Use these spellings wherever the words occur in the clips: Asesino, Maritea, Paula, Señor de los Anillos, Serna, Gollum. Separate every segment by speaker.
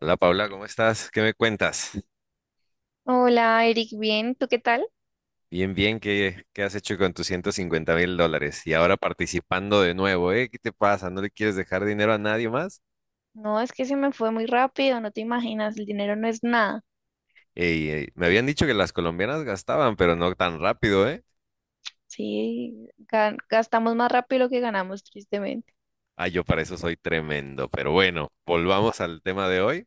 Speaker 1: Hola Paula, ¿cómo estás? ¿Qué me cuentas?
Speaker 2: Hola, Eric, bien, ¿tú qué tal?
Speaker 1: Bien, bien, ¿qué has hecho con tus 150 mil dólares? Y ahora participando de nuevo, ¿eh? ¿Qué te pasa? ¿No le quieres dejar dinero a nadie más?
Speaker 2: No, es que se me fue muy rápido, no te imaginas, el dinero no es nada.
Speaker 1: Ey, ey, me habían dicho que las colombianas gastaban, pero no tan rápido, ¿eh?
Speaker 2: Sí, gastamos más rápido lo que ganamos, tristemente.
Speaker 1: Ah, yo para eso soy tremendo. Pero bueno, volvamos al tema de hoy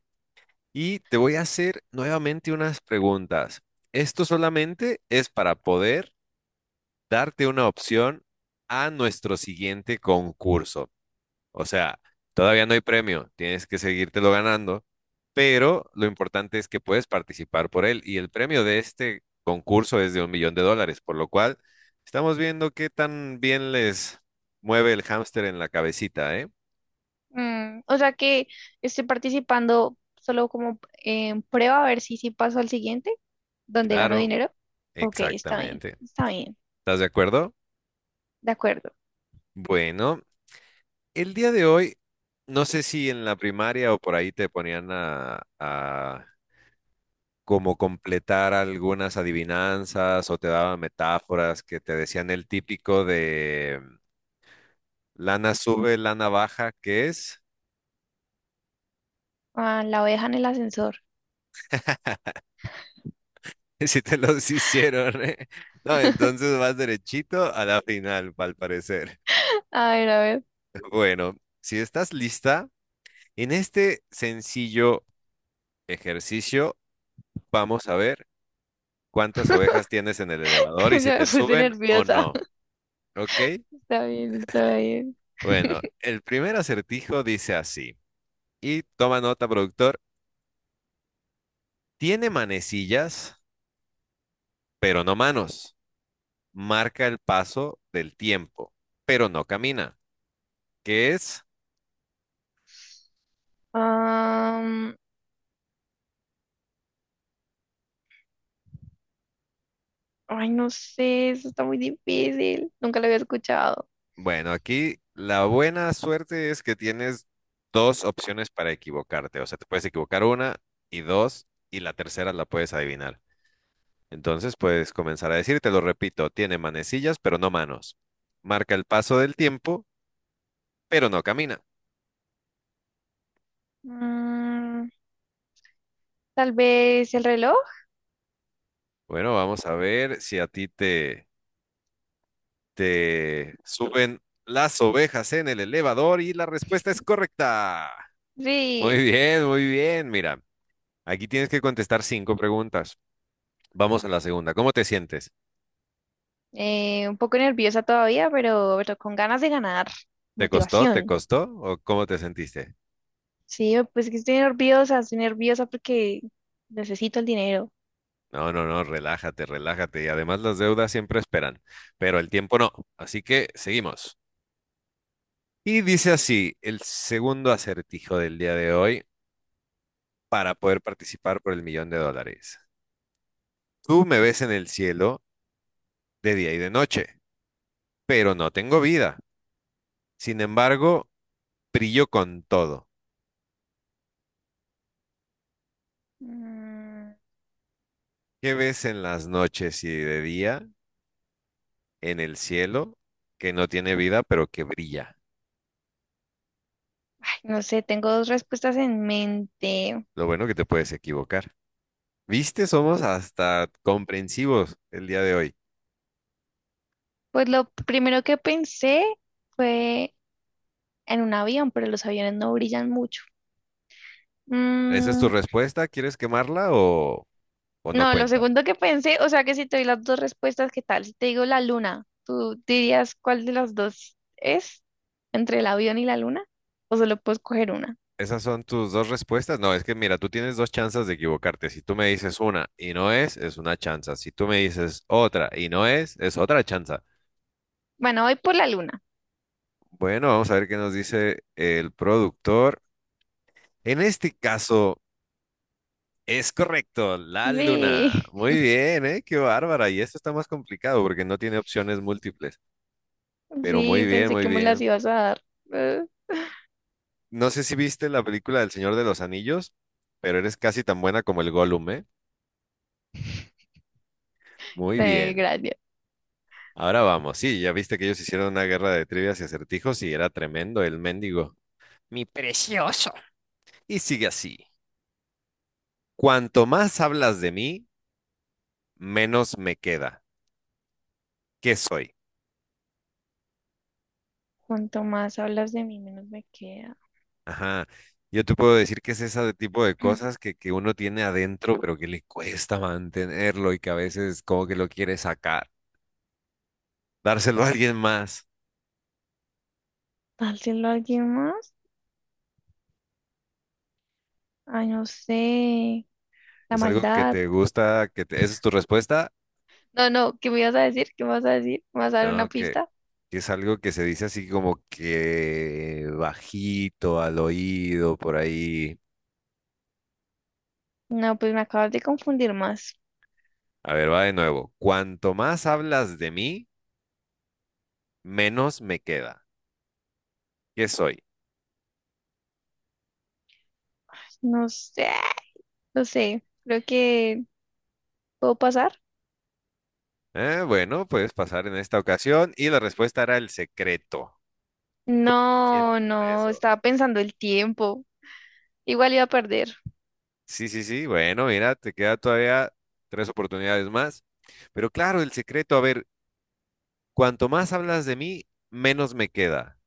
Speaker 1: y te voy a hacer nuevamente unas preguntas. Esto solamente es para poder darte una opción a nuestro siguiente concurso. O sea, todavía no hay premio, tienes que seguírtelo ganando, pero lo importante es que puedes participar por él y el premio de este concurso es de $1 millón, por lo cual estamos viendo qué tan bien les mueve el hámster en la cabecita, ¿eh?
Speaker 2: O sea que estoy participando solo como en prueba a ver si sí paso al siguiente, donde gano
Speaker 1: Claro,
Speaker 2: dinero. Ok,
Speaker 1: exactamente.
Speaker 2: está bien,
Speaker 1: ¿Estás de acuerdo?
Speaker 2: de acuerdo.
Speaker 1: Bueno, el día de hoy, no sé si en la primaria o por ahí te ponían a como completar algunas adivinanzas o te daba metáforas que te decían el típico de lana sube, lana baja, ¿qué es?
Speaker 2: Ah, la oveja en el ascensor.
Speaker 1: Si te los hicieron, ¿eh? No, entonces vas derechito a la final, al parecer.
Speaker 2: A ver,
Speaker 1: Bueno, si estás lista, en este sencillo ejercicio vamos a ver cuántas ovejas tienes en el elevador
Speaker 2: ya
Speaker 1: y si
Speaker 2: me
Speaker 1: te
Speaker 2: puse
Speaker 1: suben o
Speaker 2: nerviosa.
Speaker 1: no, ¿ok?
Speaker 2: Está bien, está bien.
Speaker 1: Bueno, el primer acertijo dice así, y toma nota, productor. Tiene manecillas, pero no manos. Marca el paso del tiempo, pero no camina. ¿Qué es?
Speaker 2: Ay, no sé, eso está muy difícil. Nunca lo había escuchado.
Speaker 1: Bueno, aquí la buena suerte es que tienes dos opciones para equivocarte. O sea, te puedes equivocar una y dos, y la tercera la puedes adivinar. Entonces puedes comenzar a decir, te lo repito, tiene manecillas, pero no manos. Marca el paso del tiempo, pero no camina.
Speaker 2: Mm, Tal vez el reloj.
Speaker 1: Bueno, vamos a ver si a ti te suben las ovejas en el elevador y la respuesta es correcta. Muy
Speaker 2: Sí,
Speaker 1: bien, muy bien. Mira, aquí tienes que contestar cinco preguntas. Vamos a la segunda. ¿Cómo te sientes?
Speaker 2: un poco nerviosa todavía, pero con ganas de ganar.
Speaker 1: ¿Te costó? ¿Te
Speaker 2: Motivación.
Speaker 1: costó? ¿O cómo te sentiste?
Speaker 2: Sí, pues que estoy nerviosa porque necesito el dinero.
Speaker 1: No, no, no, relájate, relájate. Y además las deudas siempre esperan, pero el tiempo no. Así que seguimos. Y dice así, el segundo acertijo del día de hoy para poder participar por $1 millón. Tú me ves en el cielo de día y de noche, pero no tengo vida. Sin embargo, brillo con todo.
Speaker 2: Mm,
Speaker 1: ¿Qué ves en las noches y de día en el cielo que no tiene vida, pero que brilla?
Speaker 2: Ay, no sé, tengo dos respuestas en mente.
Speaker 1: Lo bueno que te puedes equivocar. ¿Viste? Somos hasta comprensivos el día de hoy.
Speaker 2: Pues lo primero que pensé fue en un avión, pero los aviones no brillan mucho.
Speaker 1: ¿Esa es tu
Speaker 2: Mm,
Speaker 1: respuesta? ¿Quieres quemarla o no
Speaker 2: No, lo
Speaker 1: cuenta?
Speaker 2: segundo que pensé, o sea que si te doy las dos respuestas, ¿qué tal? Si te digo la luna, ¿tú dirías cuál de las dos es? ¿Entre el avión y la luna? ¿O solo puedes coger una?
Speaker 1: ¿Esas son tus dos respuestas? No, es que mira, tú tienes dos chances de equivocarte. Si tú me dices una y no es, es una chanza. Si tú me dices otra y no es, es otra chanza.
Speaker 2: Bueno, voy por la luna.
Speaker 1: Bueno, vamos a ver qué nos dice el productor. En este caso, es correcto, la luna.
Speaker 2: Sí,
Speaker 1: Muy bien, ¿eh? Qué bárbara. Y esto está más complicado porque no tiene opciones múltiples. Pero muy
Speaker 2: sí,
Speaker 1: bien,
Speaker 2: pensé
Speaker 1: muy
Speaker 2: que me las
Speaker 1: bien.
Speaker 2: ibas a dar. Eh,
Speaker 1: No sé si viste la película del Señor de los Anillos, pero eres casi tan buena como el Gollum, ¿eh? Muy bien.
Speaker 2: gracias.
Speaker 1: Ahora vamos. Sí, ya viste que ellos hicieron una guerra de trivias y acertijos y era tremendo el mendigo. Mi precioso. Y sigue así. Cuanto más hablas de mí, menos me queda. ¿Qué soy?
Speaker 2: Cuanto más hablas de mí, menos me queda.
Speaker 1: Ajá. Yo te puedo decir que es ese tipo de cosas que uno tiene adentro, pero que le cuesta mantenerlo y que a veces como que lo quiere sacar, dárselo a alguien más.
Speaker 2: ¿Dárselo a alguien más? Ay, no sé. La
Speaker 1: ¿Es algo que
Speaker 2: maldad.
Speaker 1: te gusta? ¿Esa es tu respuesta?
Speaker 2: No, no, ¿qué me ibas a decir? ¿Qué me vas a decir? ¿Me vas a dar una
Speaker 1: No,
Speaker 2: pista?
Speaker 1: que es algo que se dice así como que bajito al oído, por ahí.
Speaker 2: No, pues me acabas de confundir más.
Speaker 1: A ver, va de nuevo. Cuanto más hablas de mí, menos me queda. ¿Qué soy?
Speaker 2: No sé. No sé, creo que puedo pasar.
Speaker 1: Bueno, puedes pasar en esta ocasión y la respuesta era el secreto.
Speaker 2: No,
Speaker 1: Sientes con
Speaker 2: no,
Speaker 1: eso.
Speaker 2: estaba pensando el tiempo. Igual iba a perder.
Speaker 1: Sí, sí, sí, bueno, mira, te queda todavía tres oportunidades más. Pero claro, el secreto, a ver, cuanto más hablas de mí, menos me queda,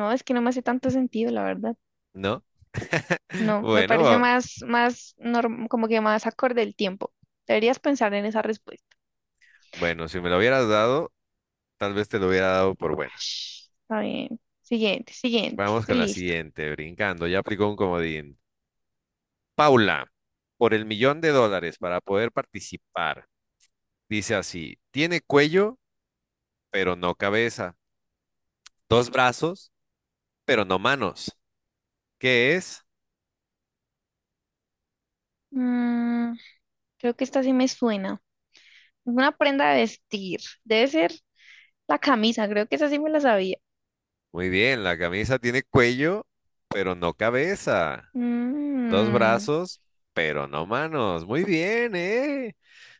Speaker 2: No, es que no me hace tanto sentido, la verdad.
Speaker 1: ¿no?
Speaker 2: No, me parece
Speaker 1: Bueno,
Speaker 2: más, más, como que más acorde el tiempo. Deberías pensar en esa respuesta.
Speaker 1: bueno, si me lo hubieras dado, tal vez te lo hubiera dado por buena.
Speaker 2: Shh, está bien. Siguiente, siguiente.
Speaker 1: Vamos
Speaker 2: Estoy
Speaker 1: con la
Speaker 2: listo.
Speaker 1: siguiente, brincando, ya aplicó un comodín. Paula, por $1 millón para poder participar, dice así, tiene cuello, pero no cabeza, dos brazos, pero no manos. ¿Qué es?
Speaker 2: Mm, Creo que esta sí me suena. Una prenda de vestir. Debe ser la camisa. Creo que esa sí me la sabía.
Speaker 1: Muy bien, la camisa tiene cuello, pero no cabeza. Dos
Speaker 2: Mm,
Speaker 1: brazos, pero no manos. Muy bien, ¿eh?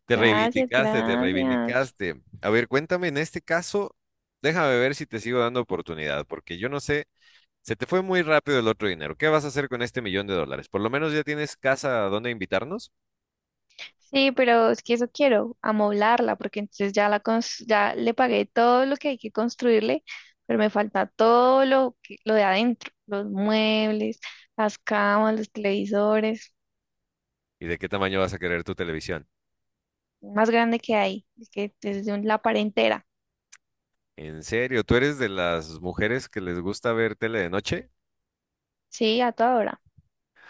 Speaker 1: Te
Speaker 2: Gracias,
Speaker 1: reivindicaste, te
Speaker 2: gracias.
Speaker 1: reivindicaste. A ver, cuéntame, en este caso, déjame ver si te sigo dando oportunidad, porque yo no sé, se te fue muy rápido el otro dinero. ¿Qué vas a hacer con $1 millón? Por lo menos ya tienes casa a donde invitarnos.
Speaker 2: Sí, pero es que eso quiero, amoblarla, porque entonces ya ya le pagué todo lo que hay que construirle, pero me falta todo lo de adentro, los muebles, las camas, los televisores,
Speaker 1: ¿Y de qué tamaño vas a querer tu televisión?
Speaker 2: más grande que hay, es que la pared entera,
Speaker 1: ¿En serio? ¿Tú eres de las mujeres que les gusta ver tele de noche?
Speaker 2: sí, a toda hora.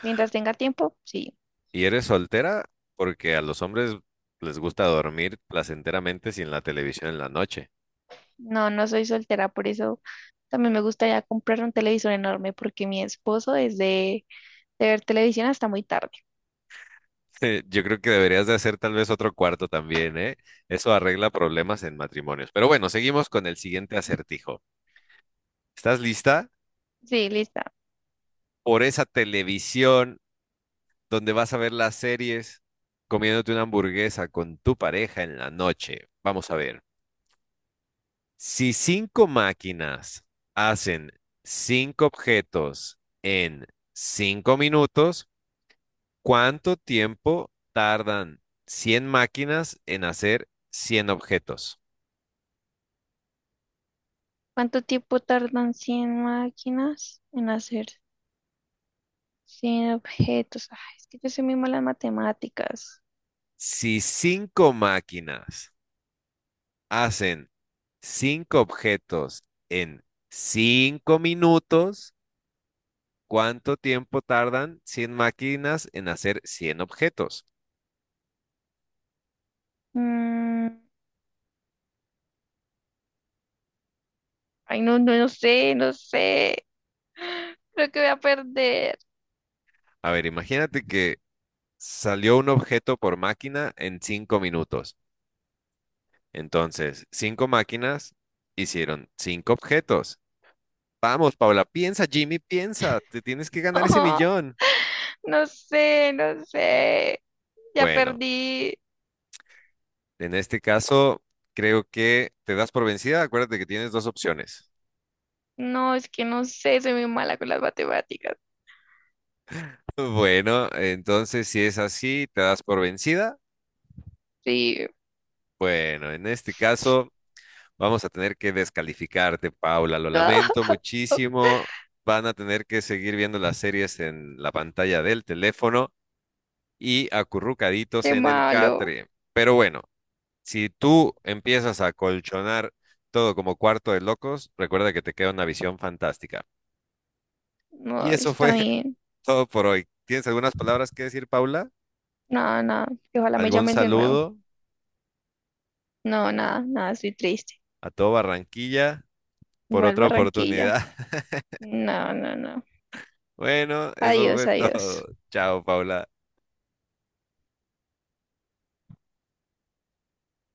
Speaker 2: Mientras tenga tiempo, sí.
Speaker 1: ¿Y eres soltera? Porque a los hombres les gusta dormir placenteramente sin la televisión en la noche.
Speaker 2: No, no soy soltera, por eso también me gustaría comprar un televisor enorme, porque mi esposo es de ver televisión hasta muy tarde.
Speaker 1: Yo creo que deberías de hacer tal vez otro cuarto también, ¿eh? Eso arregla problemas en matrimonios. Pero bueno, seguimos con el siguiente acertijo. ¿Estás lista?
Speaker 2: Sí, listo.
Speaker 1: Por esa televisión donde vas a ver las series, comiéndote una hamburguesa con tu pareja en la noche. Vamos a ver. Si cinco máquinas hacen cinco objetos en 5 minutos, ¿cuánto tiempo tardan 100 máquinas en hacer 100 objetos?
Speaker 2: ¿Cuánto tiempo tardan 100 máquinas en hacer 100 objetos? Ay, es que yo soy muy mala en matemáticas.
Speaker 1: Si 5 máquinas hacen 5 objetos en 5 minutos, ¿cuánto tiempo tardan 100 máquinas en hacer cien objetos?
Speaker 2: Mm, ay, no, no, no sé, no sé. Creo que voy a perder.
Speaker 1: A ver, imagínate que salió un objeto por máquina en 5 minutos. Entonces, 5 máquinas hicieron 5 objetos. Vamos, Paula, piensa, Jimmy, piensa, te tienes que ganar ese
Speaker 2: No,
Speaker 1: millón.
Speaker 2: no sé, no sé. Ya
Speaker 1: Bueno,
Speaker 2: perdí.
Speaker 1: en este caso, creo que te das por vencida. Acuérdate que tienes dos opciones.
Speaker 2: No, es que no sé, soy muy mala con las matemáticas.
Speaker 1: Bueno, entonces si es así, te das por vencida.
Speaker 2: Sí.
Speaker 1: Bueno, en este caso, vamos a tener que descalificarte, Paula. Lo
Speaker 2: Ah,
Speaker 1: lamento muchísimo. Van a tener que seguir viendo las series en la pantalla del teléfono y acurrucaditos
Speaker 2: qué
Speaker 1: en el
Speaker 2: malo.
Speaker 1: catre. Pero bueno. Si tú empiezas a colchonar todo como cuarto de locos, recuerda que te queda una visión fantástica. Y
Speaker 2: No,
Speaker 1: eso
Speaker 2: está
Speaker 1: fue
Speaker 2: bien.
Speaker 1: todo por hoy. ¿Tienes algunas palabras que decir, Paula?
Speaker 2: Nada, nada, que ojalá me
Speaker 1: ¿Algún
Speaker 2: llamen de nuevo.
Speaker 1: saludo
Speaker 2: No, nada, nada, estoy triste.
Speaker 1: a todo Barranquilla por
Speaker 2: Igual
Speaker 1: otra
Speaker 2: Barranquilla.
Speaker 1: oportunidad?
Speaker 2: No, no, no.
Speaker 1: Bueno, eso fue
Speaker 2: Adiós, adiós.
Speaker 1: todo. Chao, Paula.